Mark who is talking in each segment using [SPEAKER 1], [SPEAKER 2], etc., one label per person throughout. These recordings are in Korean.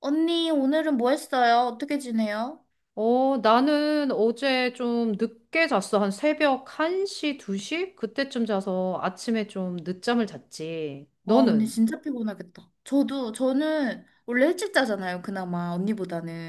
[SPEAKER 1] 언니, 오늘은 뭐 했어요? 어떻게 지내요?
[SPEAKER 2] 나는 어제 좀 늦게 잤어. 한 새벽 1시, 2시? 그때쯤 자서 아침에 좀 늦잠을 잤지.
[SPEAKER 1] 와, 언니
[SPEAKER 2] 너는?
[SPEAKER 1] 진짜 피곤하겠다. 저는 원래 일찍 자잖아요, 그나마,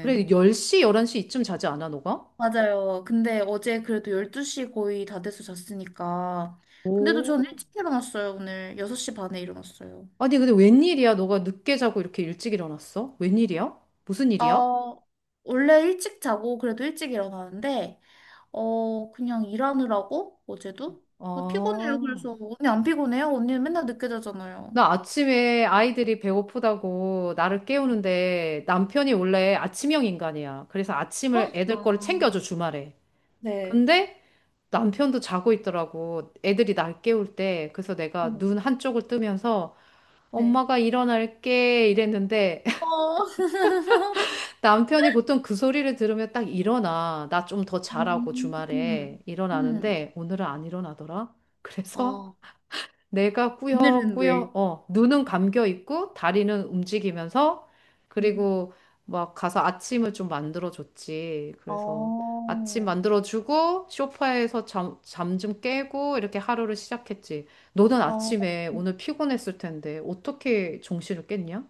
[SPEAKER 2] 그래, 10시, 11시 이쯤 자지 않아, 너가?
[SPEAKER 1] 맞아요. 근데 어제 그래도 12시 거의 다 돼서 잤으니까. 근데도 저는
[SPEAKER 2] 오,
[SPEAKER 1] 일찍 일어났어요, 오늘. 6시 반에 일어났어요.
[SPEAKER 2] 아니, 근데 웬일이야? 너가 늦게 자고 이렇게 일찍 일어났어? 웬일이야? 무슨 일이야?
[SPEAKER 1] 어, 원래 일찍 자고 그래도 일찍 일어나는데, 그냥 일하느라고, 어제도? 피곤해요,
[SPEAKER 2] 아,
[SPEAKER 1] 그래서. 언니 안 피곤해요? 언니는 맨날 늦게 자잖아요.
[SPEAKER 2] 나 아침에 아이들이 배고프다고 나를 깨우는데 남편이 원래 아침형 인간이야. 그래서 아침을 애들 거를
[SPEAKER 1] 아,
[SPEAKER 2] 챙겨줘, 주말에.
[SPEAKER 1] 네.
[SPEAKER 2] 근데 남편도 자고 있더라고. 애들이 날 깨울 때. 그래서
[SPEAKER 1] 어,
[SPEAKER 2] 내가 눈 한쪽을 뜨면서
[SPEAKER 1] 네.
[SPEAKER 2] 엄마가 일어날게 이랬는데
[SPEAKER 1] 어.
[SPEAKER 2] 남편이 보통 그 소리를 들으면 딱 일어나. 나 좀 더 자라고
[SPEAKER 1] 음,
[SPEAKER 2] 주말에
[SPEAKER 1] 음. 음.
[SPEAKER 2] 일어나는데 오늘은 안 일어나더라. 그래서
[SPEAKER 1] 어,
[SPEAKER 2] 내가
[SPEAKER 1] 오늘은 왜?
[SPEAKER 2] 꾸역꾸역, 눈은 감겨 있고, 다리는 움직이면서,
[SPEAKER 1] 음.
[SPEAKER 2] 그리고 막 가서 아침을 좀 만들어줬지. 그래서 아침
[SPEAKER 1] 어,
[SPEAKER 2] 만들어주고, 소파에서 잠 좀 깨고, 이렇게 하루를 시작했지. 너는
[SPEAKER 1] 어.
[SPEAKER 2] 아침에 오늘 피곤했을 텐데, 어떻게 정신을 깼냐?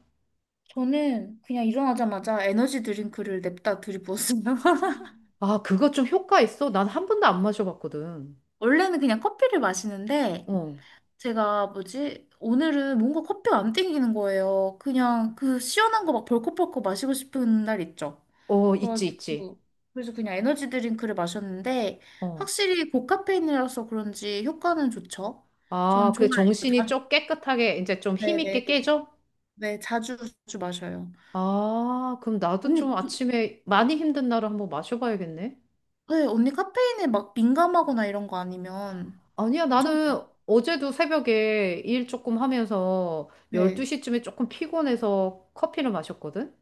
[SPEAKER 1] 저는 그냥 일어나자마자 에너지 드링크를 냅다 들이부었어요.
[SPEAKER 2] 아, 그거 좀 효과 있어? 난 한 번도 안 마셔봤거든.
[SPEAKER 1] 원래는 그냥 커피를 마시는데
[SPEAKER 2] 어,
[SPEAKER 1] 제가 뭐지? 오늘은 뭔가 커피가 안 땡기는 거예요. 그냥 그 시원한 거 막 벌컥벌컥 마시고 싶은 날 있죠.
[SPEAKER 2] 어, 있지, 있지.
[SPEAKER 1] 그래가지고 그래서 그냥 에너지 드링크를 마셨는데
[SPEAKER 2] 어.
[SPEAKER 1] 확실히 고카페인이라서 그런지 효과는 좋죠. 저는
[SPEAKER 2] 아, 그
[SPEAKER 1] 좋아해요.
[SPEAKER 2] 정신이 좀 깨끗하게, 이제 좀
[SPEAKER 1] 네네.
[SPEAKER 2] 힘있게
[SPEAKER 1] 네,
[SPEAKER 2] 깨져?
[SPEAKER 1] 네, 자주 자주 마셔요.
[SPEAKER 2] 아, 그럼 나도 좀
[SPEAKER 1] 언니 그,
[SPEAKER 2] 아침에 많이 힘든 날을 한번 마셔봐야겠네.
[SPEAKER 1] 네, 언니 카페인에 막 민감하거나 이런 거 아니면
[SPEAKER 2] 아니야,
[SPEAKER 1] 괜찮아요.
[SPEAKER 2] 나는 어제도 새벽에 일 조금 하면서
[SPEAKER 1] 네.
[SPEAKER 2] 12시쯤에 조금 피곤해서 커피를 마셨거든?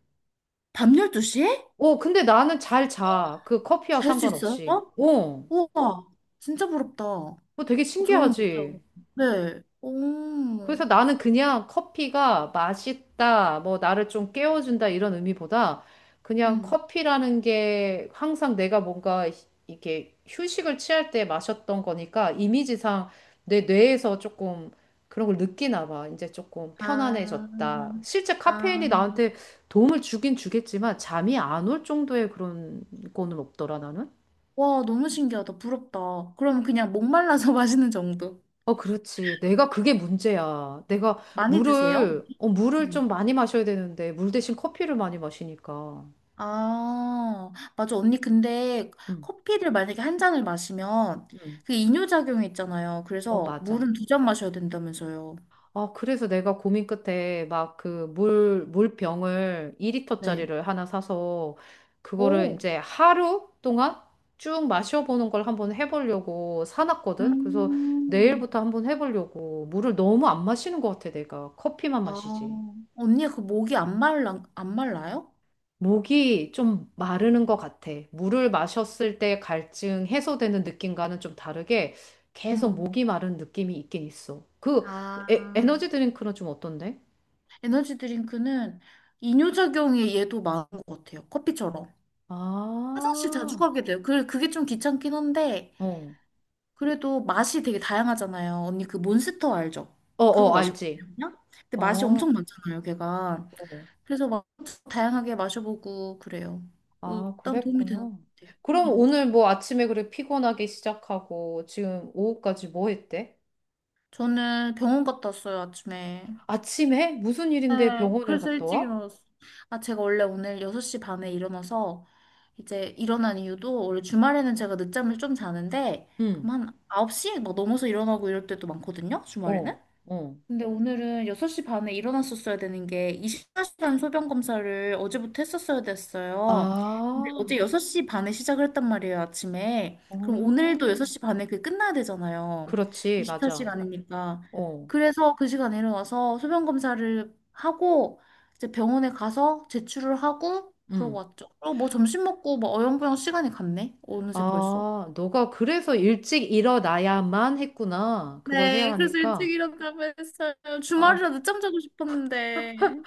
[SPEAKER 1] 밤 12시에?
[SPEAKER 2] 어, 근데 나는 잘 자. 그 커피와
[SPEAKER 1] 잘 수 있어요?
[SPEAKER 2] 상관없이. 어,
[SPEAKER 1] 우와, 진짜 부럽다.
[SPEAKER 2] 그거 되게
[SPEAKER 1] 저는 못해요.
[SPEAKER 2] 신기하지?
[SPEAKER 1] 네. 오.
[SPEAKER 2] 그래서 나는 그냥 커피가 맛있다, 뭐 나를 좀 깨워준다 이런 의미보다 그냥
[SPEAKER 1] 음.
[SPEAKER 2] 커피라는 게 항상 내가 뭔가 이게 휴식을 취할 때 마셨던 거니까 이미지상 내 뇌에서 조금 그런 걸 느끼나 봐. 이제 조금
[SPEAKER 1] 아,
[SPEAKER 2] 편안해졌다. 실제 카페인이
[SPEAKER 1] 아.
[SPEAKER 2] 나한테 도움을 주긴 주겠지만 잠이 안 올 정도의 그런 거는 없더라, 나는.
[SPEAKER 1] 와, 너무 신기하다. 부럽다. 그럼 그냥 목말라서 마시는 정도.
[SPEAKER 2] 어, 그렇지. 내가 그게 문제야. 내가
[SPEAKER 1] 많이 드세요?
[SPEAKER 2] 물을
[SPEAKER 1] 음.
[SPEAKER 2] 좀 많이 마셔야 되는데, 물 대신 커피를 많이 마시니까.
[SPEAKER 1] 아, 맞아. 언니, 근데
[SPEAKER 2] 응,
[SPEAKER 1] 커피를 만약에 한 잔을 마시면
[SPEAKER 2] 응.
[SPEAKER 1] 그 이뇨작용이 있잖아요.
[SPEAKER 2] 어,
[SPEAKER 1] 그래서
[SPEAKER 2] 맞아.
[SPEAKER 1] 물은 두 잔 마셔야 된다면서요.
[SPEAKER 2] 아, 그래서 내가 고민 끝에 막 물병을
[SPEAKER 1] 네.
[SPEAKER 2] 2리터짜리를 하나 사서, 그거를
[SPEAKER 1] 오,
[SPEAKER 2] 이제 하루 동안 쭉 마셔보는 걸 한번 해보려고 사놨거든. 그래서
[SPEAKER 1] 음.
[SPEAKER 2] 내일부터 한번 해보려고. 물을 너무 안 마시는 것 같아, 내가. 커피만
[SPEAKER 1] 아,
[SPEAKER 2] 마시지.
[SPEAKER 1] 언니가 그 목이 안 말라, 안 말라요?
[SPEAKER 2] 목이 좀 마르는 것 같아. 물을 마셨을 때 갈증 해소되는 느낌과는 좀 다르게 계속
[SPEAKER 1] 음.
[SPEAKER 2] 목이 마른 느낌이 있긴 있어. 그
[SPEAKER 1] 아,
[SPEAKER 2] 에너지 드링크는 좀 어떤데?
[SPEAKER 1] 에너지 드링크는 이뇨작용이 얘도 많은 것 같아요. 커피처럼.
[SPEAKER 2] 아,
[SPEAKER 1] 화장실 자주 가게 돼요. 그게 좀 귀찮긴 한데,
[SPEAKER 2] 어,
[SPEAKER 1] 그래도 맛이 되게 다양하잖아요. 언니 그 몬스터 알죠?
[SPEAKER 2] 어,
[SPEAKER 1] 그거
[SPEAKER 2] 어,
[SPEAKER 1] 마셨거든요.
[SPEAKER 2] 알지.
[SPEAKER 1] 근데
[SPEAKER 2] 어,
[SPEAKER 1] 맛이 엄청
[SPEAKER 2] 어,
[SPEAKER 1] 많잖아요, 걔가. 그래서 막 다양하게 마셔보고 그래요.
[SPEAKER 2] 아,
[SPEAKER 1] 일단 도움이 되는 것
[SPEAKER 2] 그랬구나.
[SPEAKER 1] 같아요.
[SPEAKER 2] 그럼
[SPEAKER 1] 음.
[SPEAKER 2] 오늘 뭐 아침에 그래 피곤하게 시작하고 지금 오후까지 뭐 했대?
[SPEAKER 1] 저는 병원 갔다 왔어요, 아침에.
[SPEAKER 2] 아침에? 무슨 일인데
[SPEAKER 1] 네,
[SPEAKER 2] 병원을
[SPEAKER 1] 그래서
[SPEAKER 2] 갔다
[SPEAKER 1] 일찍
[SPEAKER 2] 와?
[SPEAKER 1] 일어났어요. 아, 제가 원래 오늘 6시 반에 일어나서 이제 일어난 이유도 원래 주말에는 제가 늦잠을 좀 자는데,
[SPEAKER 2] 응,
[SPEAKER 1] 그럼 한 9시 막 넘어서 일어나고 이럴 때도 많거든요, 주말에는.
[SPEAKER 2] 어, 어.
[SPEAKER 1] 근데 오늘은 6시 반에 일어났었어야 되는 게 24시간 소변 검사를 어제부터 했었어야 됐어요. 근데 어제
[SPEAKER 2] 아,
[SPEAKER 1] 6시 반에 시작을 했단 말이에요, 아침에. 그럼 오늘도
[SPEAKER 2] 어.
[SPEAKER 1] 6시 반에 그게 끝나야 되잖아요.
[SPEAKER 2] 그렇지, 맞아.
[SPEAKER 1] 24시간이니까.
[SPEAKER 2] 어,
[SPEAKER 1] 그래서 그 시간에 일어나서 소변 검사를 하고 이제 병원에 가서 제출을 하고 그러고
[SPEAKER 2] 음.
[SPEAKER 1] 왔죠. 그리고 뭐 점심 먹고 뭐 어영부영 시간이 갔네. 어느새 벌써.
[SPEAKER 2] 아, 너가 그래서 일찍 일어나야만 했구나. 그걸 해야
[SPEAKER 1] 네, 그래서 일찍
[SPEAKER 2] 하니까.
[SPEAKER 1] 일어나고 했어요.
[SPEAKER 2] 아,
[SPEAKER 1] 주말이라 늦잠 자고 싶었는데.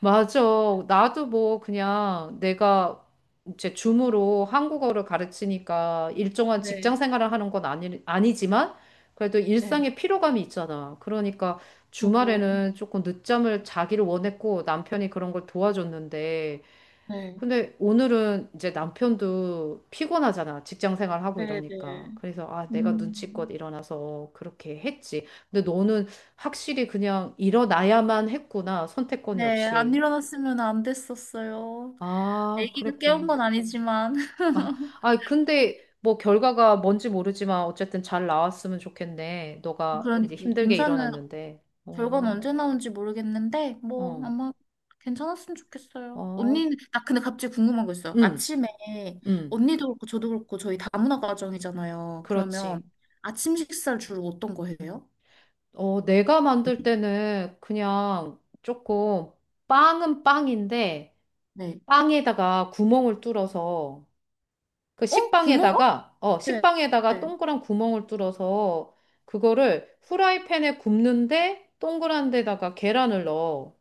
[SPEAKER 2] 맞아. 나도 뭐 그냥 내가 이제 줌으로 한국어를 가르치니까 일정한 직장
[SPEAKER 1] 네.
[SPEAKER 2] 생활을 하는 건 아니, 아니지만 그래도
[SPEAKER 1] 네,
[SPEAKER 2] 일상의 피로감이 있잖아. 그러니까
[SPEAKER 1] 저거,
[SPEAKER 2] 주말에는 조금 늦잠을 자기를 원했고 남편이 그런 걸 도와줬는데
[SPEAKER 1] 네,
[SPEAKER 2] 근데 오늘은 이제 남편도 피곤하잖아. 직장 생활하고
[SPEAKER 1] 네,
[SPEAKER 2] 이러니까.
[SPEAKER 1] 네.
[SPEAKER 2] 그래서 아, 내가 눈치껏
[SPEAKER 1] 음,
[SPEAKER 2] 일어나서 그렇게 했지. 근데 너는 확실히 그냥 일어나야만 했구나. 선택권이
[SPEAKER 1] 네, 안
[SPEAKER 2] 없이.
[SPEAKER 1] 일어났으면 안 됐었어요.
[SPEAKER 2] 아,
[SPEAKER 1] 아기가 깨운
[SPEAKER 2] 그랬구나.
[SPEAKER 1] 건 아니지만.
[SPEAKER 2] 아, 아, 근데 뭐 결과가 뭔지 모르지만 어쨌든 잘 나왔으면 좋겠네. 너가 이제
[SPEAKER 1] 그러니까,
[SPEAKER 2] 힘들게
[SPEAKER 1] 검사는,
[SPEAKER 2] 일어났는데.
[SPEAKER 1] 결과는
[SPEAKER 2] 어,
[SPEAKER 1] 언제 나온지 모르겠는데, 뭐,
[SPEAKER 2] 어,
[SPEAKER 1] 아마 괜찮았으면 좋겠어요.
[SPEAKER 2] 어,
[SPEAKER 1] 언니는, 아, 근데 갑자기 궁금한 거 있어요.
[SPEAKER 2] 응,
[SPEAKER 1] 아침에,
[SPEAKER 2] 응,
[SPEAKER 1] 언니도 그렇고, 저도 그렇고, 저희 다문화 가정이잖아요. 그러면,
[SPEAKER 2] 그렇지.
[SPEAKER 1] 아침 식사를 주로 어떤 거 해요?
[SPEAKER 2] 어, 내가 만들 때는 그냥 조금 빵은 빵인데
[SPEAKER 1] 네.
[SPEAKER 2] 빵에다가 구멍을 뚫어서 그
[SPEAKER 1] 어, 어? 구멍?
[SPEAKER 2] 식빵에다가
[SPEAKER 1] 네.
[SPEAKER 2] 식빵에다가
[SPEAKER 1] 네.
[SPEAKER 2] 동그란 구멍을 뚫어서 그거를 후라이팬에 굽는데 동그란 데다가 계란을 넣어.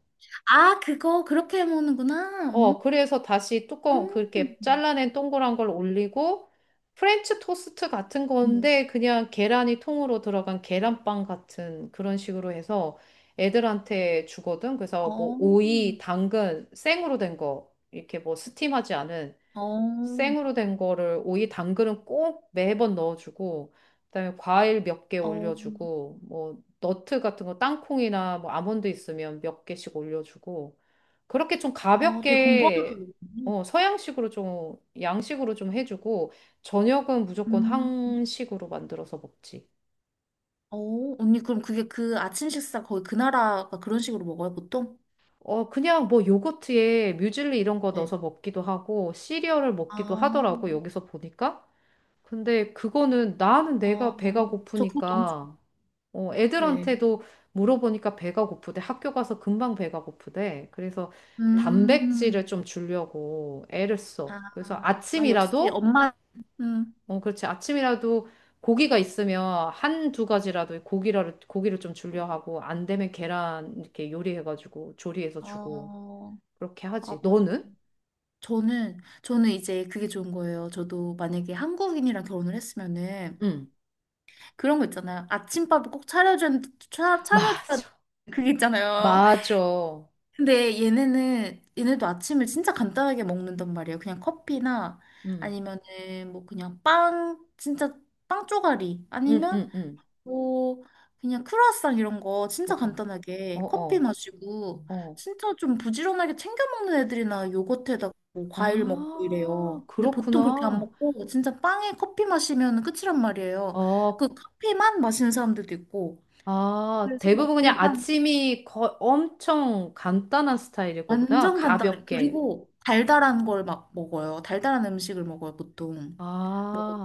[SPEAKER 1] 그렇게 해 먹는구나. 음.
[SPEAKER 2] 어, 그래서 다시 뚜껑, 그렇게 잘라낸 동그란 걸 올리고, 프렌치 토스트 같은
[SPEAKER 1] 음.
[SPEAKER 2] 건데, 그냥 계란이 통으로 들어간 계란빵 같은 그런 식으로 해서 애들한테 주거든. 그래서 뭐,
[SPEAKER 1] 어,
[SPEAKER 2] 오이, 당근, 생으로 된 거, 이렇게 뭐, 스팀하지 않은
[SPEAKER 1] 어,
[SPEAKER 2] 생으로 된 거를 오이, 당근은 꼭 매번 넣어주고, 그다음에 과일 몇 개
[SPEAKER 1] 어,
[SPEAKER 2] 올려주고, 뭐, 너트 같은 거, 땅콩이나 뭐, 아몬드 있으면 몇 개씩 올려주고, 그렇게 좀
[SPEAKER 1] 되게 공부하면서
[SPEAKER 2] 가볍게
[SPEAKER 1] 먹네.
[SPEAKER 2] 어, 서양식으로 좀 양식으로 좀 해주고 저녁은 무조건
[SPEAKER 1] 음,
[SPEAKER 2] 한식으로 만들어서 먹지.
[SPEAKER 1] 언니, 그럼 그게 그 아침 식사 거의 그 나라가 그런 식으로 먹어요, 보통?
[SPEAKER 2] 어, 그냥 뭐 요거트에 뮤즐리 이런 거
[SPEAKER 1] 네.
[SPEAKER 2] 넣어서 먹기도 하고 시리얼을 먹기도
[SPEAKER 1] 아,
[SPEAKER 2] 하더라고 여기서 보니까. 근데 그거는 나는
[SPEAKER 1] 아,
[SPEAKER 2] 내가 배가
[SPEAKER 1] 저 그거 너무 좋.
[SPEAKER 2] 고프니까 어,
[SPEAKER 1] 네.
[SPEAKER 2] 애들한테도 물어보니까 배가 고프대. 학교 가서 금방 배가 고프대. 그래서
[SPEAKER 1] 음,
[SPEAKER 2] 단백질을 좀 주려고 애를 써.
[SPEAKER 1] 아,
[SPEAKER 2] 그래서
[SPEAKER 1] 역시
[SPEAKER 2] 아침이라도
[SPEAKER 1] 엄마, 음,
[SPEAKER 2] 어, 그렇지. 아침이라도 고기가 있으면 한두 가지라도 고기를 좀 줄려 하고, 안 되면 계란 이렇게 요리해가지고, 조리해서 주고,
[SPEAKER 1] 어,
[SPEAKER 2] 그렇게
[SPEAKER 1] 아,
[SPEAKER 2] 하지.
[SPEAKER 1] 맞아.
[SPEAKER 2] 너는?
[SPEAKER 1] 저는 이제 그게 좋은 거예요. 저도 만약에 한국인이랑 결혼을 했으면은
[SPEAKER 2] 응.
[SPEAKER 1] 그런 거 있잖아요. 아침밥을 꼭 차려줘야, 차,
[SPEAKER 2] 맞아.
[SPEAKER 1] 차려줘야 그게 있잖아요.
[SPEAKER 2] 맞아.
[SPEAKER 1] 근데 얘네는 얘네도 아침을 진짜 간단하게 먹는단 말이에요. 그냥 커피나
[SPEAKER 2] 응.
[SPEAKER 1] 아니면은 뭐 그냥 빵 진짜 빵 쪼가리
[SPEAKER 2] 응,
[SPEAKER 1] 아니면
[SPEAKER 2] 응, 응.
[SPEAKER 1] 뭐 그냥 크루아상 이런 거 진짜
[SPEAKER 2] 그거.
[SPEAKER 1] 간단하게
[SPEAKER 2] 어,
[SPEAKER 1] 커피
[SPEAKER 2] 어,
[SPEAKER 1] 마시고
[SPEAKER 2] 어.
[SPEAKER 1] 진짜 좀 부지런하게 챙겨 먹는 애들이나 요거트에다가 뭐 과일 먹고
[SPEAKER 2] 아,
[SPEAKER 1] 이래요. 근데 보통 그렇게 안
[SPEAKER 2] 그렇구나.
[SPEAKER 1] 먹고 진짜 빵에 커피 마시면 끝이란 말이에요.
[SPEAKER 2] 어,
[SPEAKER 1] 그 커피만 마시는 사람들도 있고.
[SPEAKER 2] 아,
[SPEAKER 1] 그래서
[SPEAKER 2] 대부분 그냥
[SPEAKER 1] 일단
[SPEAKER 2] 아침이 거, 엄청 간단한 스타일일 거구나.
[SPEAKER 1] 완전 간단해.
[SPEAKER 2] 가볍게.
[SPEAKER 1] 그리고 달달한 걸 막 먹어요. 달달한 음식을 먹어요, 보통.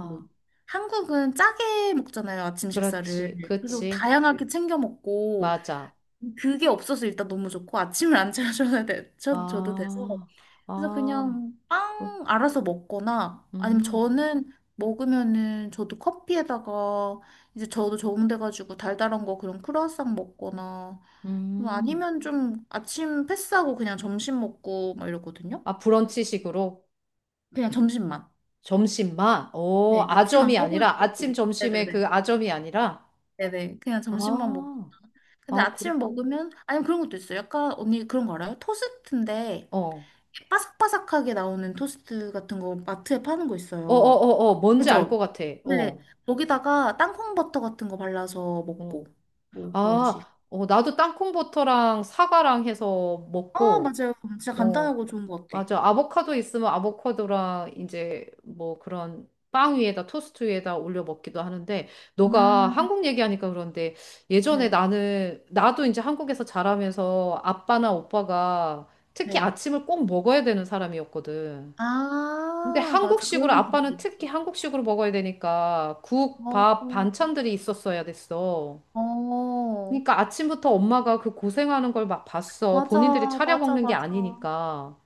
[SPEAKER 1] 뭐, 한국은 짜게 먹잖아요, 아침 식사를.
[SPEAKER 2] 그렇지.
[SPEAKER 1] 그리고
[SPEAKER 2] 그치.
[SPEAKER 1] 다양하게 챙겨 먹고,
[SPEAKER 2] 맞아.
[SPEAKER 1] 그게 없어서 일단 너무 좋고, 아침을 안 차려줘야 돼. 저도 돼서.
[SPEAKER 2] 아,
[SPEAKER 1] 그래서
[SPEAKER 2] 아,
[SPEAKER 1] 그냥
[SPEAKER 2] 그,
[SPEAKER 1] 빵 알아서 먹거나, 아니면
[SPEAKER 2] 음,
[SPEAKER 1] 저는 먹으면은 저도 커피에다가, 이제 저도 적응돼가지고 달달한 거 그런 크루아상 먹거나, 뭐
[SPEAKER 2] 음.
[SPEAKER 1] 아니면 좀 아침 패스하고 그냥 점심 먹고 막 이러거든요.
[SPEAKER 2] 아, 브런치식으로?
[SPEAKER 1] 그냥 점심만.
[SPEAKER 2] 점심만? 오,
[SPEAKER 1] 네. 아침 안
[SPEAKER 2] 아점이
[SPEAKER 1] 먹을
[SPEAKER 2] 아니라, 아침,
[SPEAKER 1] 때도.
[SPEAKER 2] 점심에
[SPEAKER 1] 네네네.
[SPEAKER 2] 그 아점이 아니라?
[SPEAKER 1] 네네. 그냥 점심만 먹고.
[SPEAKER 2] 아,
[SPEAKER 1] 근데
[SPEAKER 2] 아,
[SPEAKER 1] 아침
[SPEAKER 2] 그렇구나.
[SPEAKER 1] 먹으면 아니면 그런 것도 있어요. 약간 언니 그런 거 알아요? 토스트인데
[SPEAKER 2] 어, 어,
[SPEAKER 1] 바삭바삭하게 나오는 토스트 같은 거 마트에 파는 거
[SPEAKER 2] 어,
[SPEAKER 1] 있어요.
[SPEAKER 2] 어, 어, 뭔지 알 것
[SPEAKER 1] 그죠?
[SPEAKER 2] 같아.
[SPEAKER 1] 네.
[SPEAKER 2] 어,
[SPEAKER 1] 거기다가 땅콩 버터 같은 거 발라서
[SPEAKER 2] 어.
[SPEAKER 1] 먹고 뭐 그런 식.
[SPEAKER 2] 아, 어, 나도 땅콩버터랑 사과랑 해서
[SPEAKER 1] 아
[SPEAKER 2] 먹고,
[SPEAKER 1] 맞아요. 진짜
[SPEAKER 2] 어,
[SPEAKER 1] 간단하고 좋은 것 같아.
[SPEAKER 2] 맞아. 아보카도 있으면 아보카도랑 이제 뭐 그런 빵 위에다 토스트 위에다 올려 먹기도 하는데 너가
[SPEAKER 1] 음,
[SPEAKER 2] 한국 얘기하니까 그런데 예전에
[SPEAKER 1] 네.
[SPEAKER 2] 나는 나도 이제 한국에서 자라면서 아빠나 오빠가 특히
[SPEAKER 1] 네.
[SPEAKER 2] 아침을 꼭 먹어야 되는 사람이었거든. 근데
[SPEAKER 1] 아, 맞아.
[SPEAKER 2] 한국식으로
[SPEAKER 1] 그런 분들
[SPEAKER 2] 아빠는 특히
[SPEAKER 1] 있지.
[SPEAKER 2] 한국식으로 먹어야 되니까 국,
[SPEAKER 1] 어,
[SPEAKER 2] 밥, 반찬들이 있었어야 됐어.
[SPEAKER 1] 어,
[SPEAKER 2] 그러니까 아침부터 엄마가 그 고생하는 걸 막 봤어. 본인들이
[SPEAKER 1] 맞아,
[SPEAKER 2] 차려
[SPEAKER 1] 맞아,
[SPEAKER 2] 먹는 게
[SPEAKER 1] 맞아.
[SPEAKER 2] 아니니까.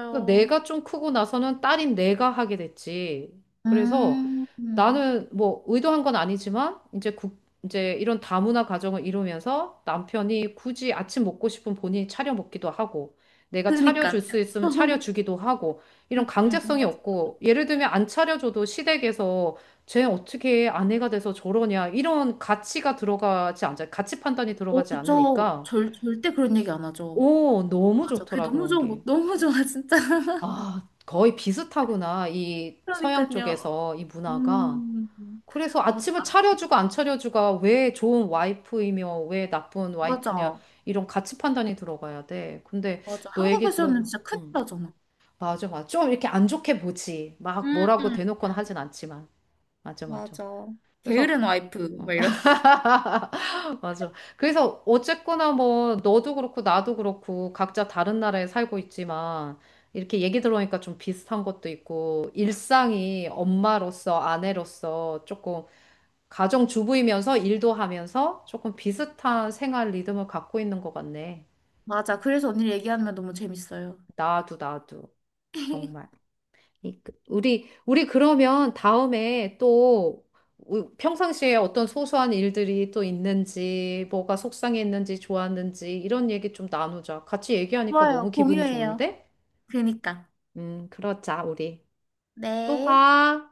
[SPEAKER 2] 그래서 내가 좀 크고 나서는 딸인 내가 하게 됐지. 그래서
[SPEAKER 1] 음,
[SPEAKER 2] 나는 뭐 의도한 건 아니지만 이제 국, 이제 이런 다문화 가정을 이루면서 남편이 굳이 아침 먹고 싶은 본인이 차려 먹기도 하고 내가 차려줄
[SPEAKER 1] 그니까요.
[SPEAKER 2] 수 있으면 차려주기도 하고 이런 강제성이
[SPEAKER 1] 맞아, 맞아.
[SPEAKER 2] 없고 예를 들면 안 차려줘도 시댁에서 쟤 어떻게 아내가 돼서 저러냐 이런 가치가 들어가지 않잖아. 가치 판단이
[SPEAKER 1] 어,
[SPEAKER 2] 들어가지
[SPEAKER 1] 그쵸.
[SPEAKER 2] 않으니까
[SPEAKER 1] 절대 그런 얘기 안 하죠.
[SPEAKER 2] 오, 너무
[SPEAKER 1] 맞아. 그게
[SPEAKER 2] 좋더라
[SPEAKER 1] 너무
[SPEAKER 2] 그런
[SPEAKER 1] 좋은 거,
[SPEAKER 2] 게.
[SPEAKER 1] 너무 좋아, 진짜.
[SPEAKER 2] 아, 거의 비슷하구나. 이 서양
[SPEAKER 1] 그러니까요.
[SPEAKER 2] 쪽에서 이 문화가.
[SPEAKER 1] 음,
[SPEAKER 2] 그래서
[SPEAKER 1] 맞아,
[SPEAKER 2] 아침을 차려주고 안 차려주가 왜 좋은 와이프이며 왜 나쁜 와이프냐
[SPEAKER 1] 맞아,
[SPEAKER 2] 이런 가치 판단이 들어가야 돼. 근데
[SPEAKER 1] 맞아.
[SPEAKER 2] 너 얘기
[SPEAKER 1] 한국에서는
[SPEAKER 2] 들어,
[SPEAKER 1] 진짜 큰일 나잖아.
[SPEAKER 2] 맞아, 맞아. 좀 이렇게 안 좋게 보지. 막 뭐라고
[SPEAKER 1] 음,
[SPEAKER 2] 대놓고는 하진 않지만. 맞아, 맞아.
[SPEAKER 1] 맞아.
[SPEAKER 2] 그래서
[SPEAKER 1] 게으른 와이프, 막
[SPEAKER 2] 어,
[SPEAKER 1] 이런.
[SPEAKER 2] 맞아. 그래서 어쨌거나 뭐 너도 그렇고 나도 그렇고 각자 다른 나라에 살고 있지만 이렇게 얘기 들어보니까 좀 비슷한 것도 있고 일상이 엄마로서 아내로서 조금 가정주부이면서 일도 하면서 조금 비슷한 생활 리듬을 갖고 있는 것 같네.
[SPEAKER 1] 맞아. 그래서 언니를 얘기하면 너무 재밌어요.
[SPEAKER 2] 나도 정말. 우리 그러면 다음에 또 평상시에 어떤 소소한 일들이 또 있는지, 뭐가 속상했는지, 좋았는지, 이런 얘기 좀 나누자. 같이 얘기하니까 너무
[SPEAKER 1] 좋아요.
[SPEAKER 2] 기분이
[SPEAKER 1] 공유해요.
[SPEAKER 2] 좋은데?
[SPEAKER 1] 그니까.
[SPEAKER 2] 그러자, 우리. 또
[SPEAKER 1] 네.
[SPEAKER 2] 봐.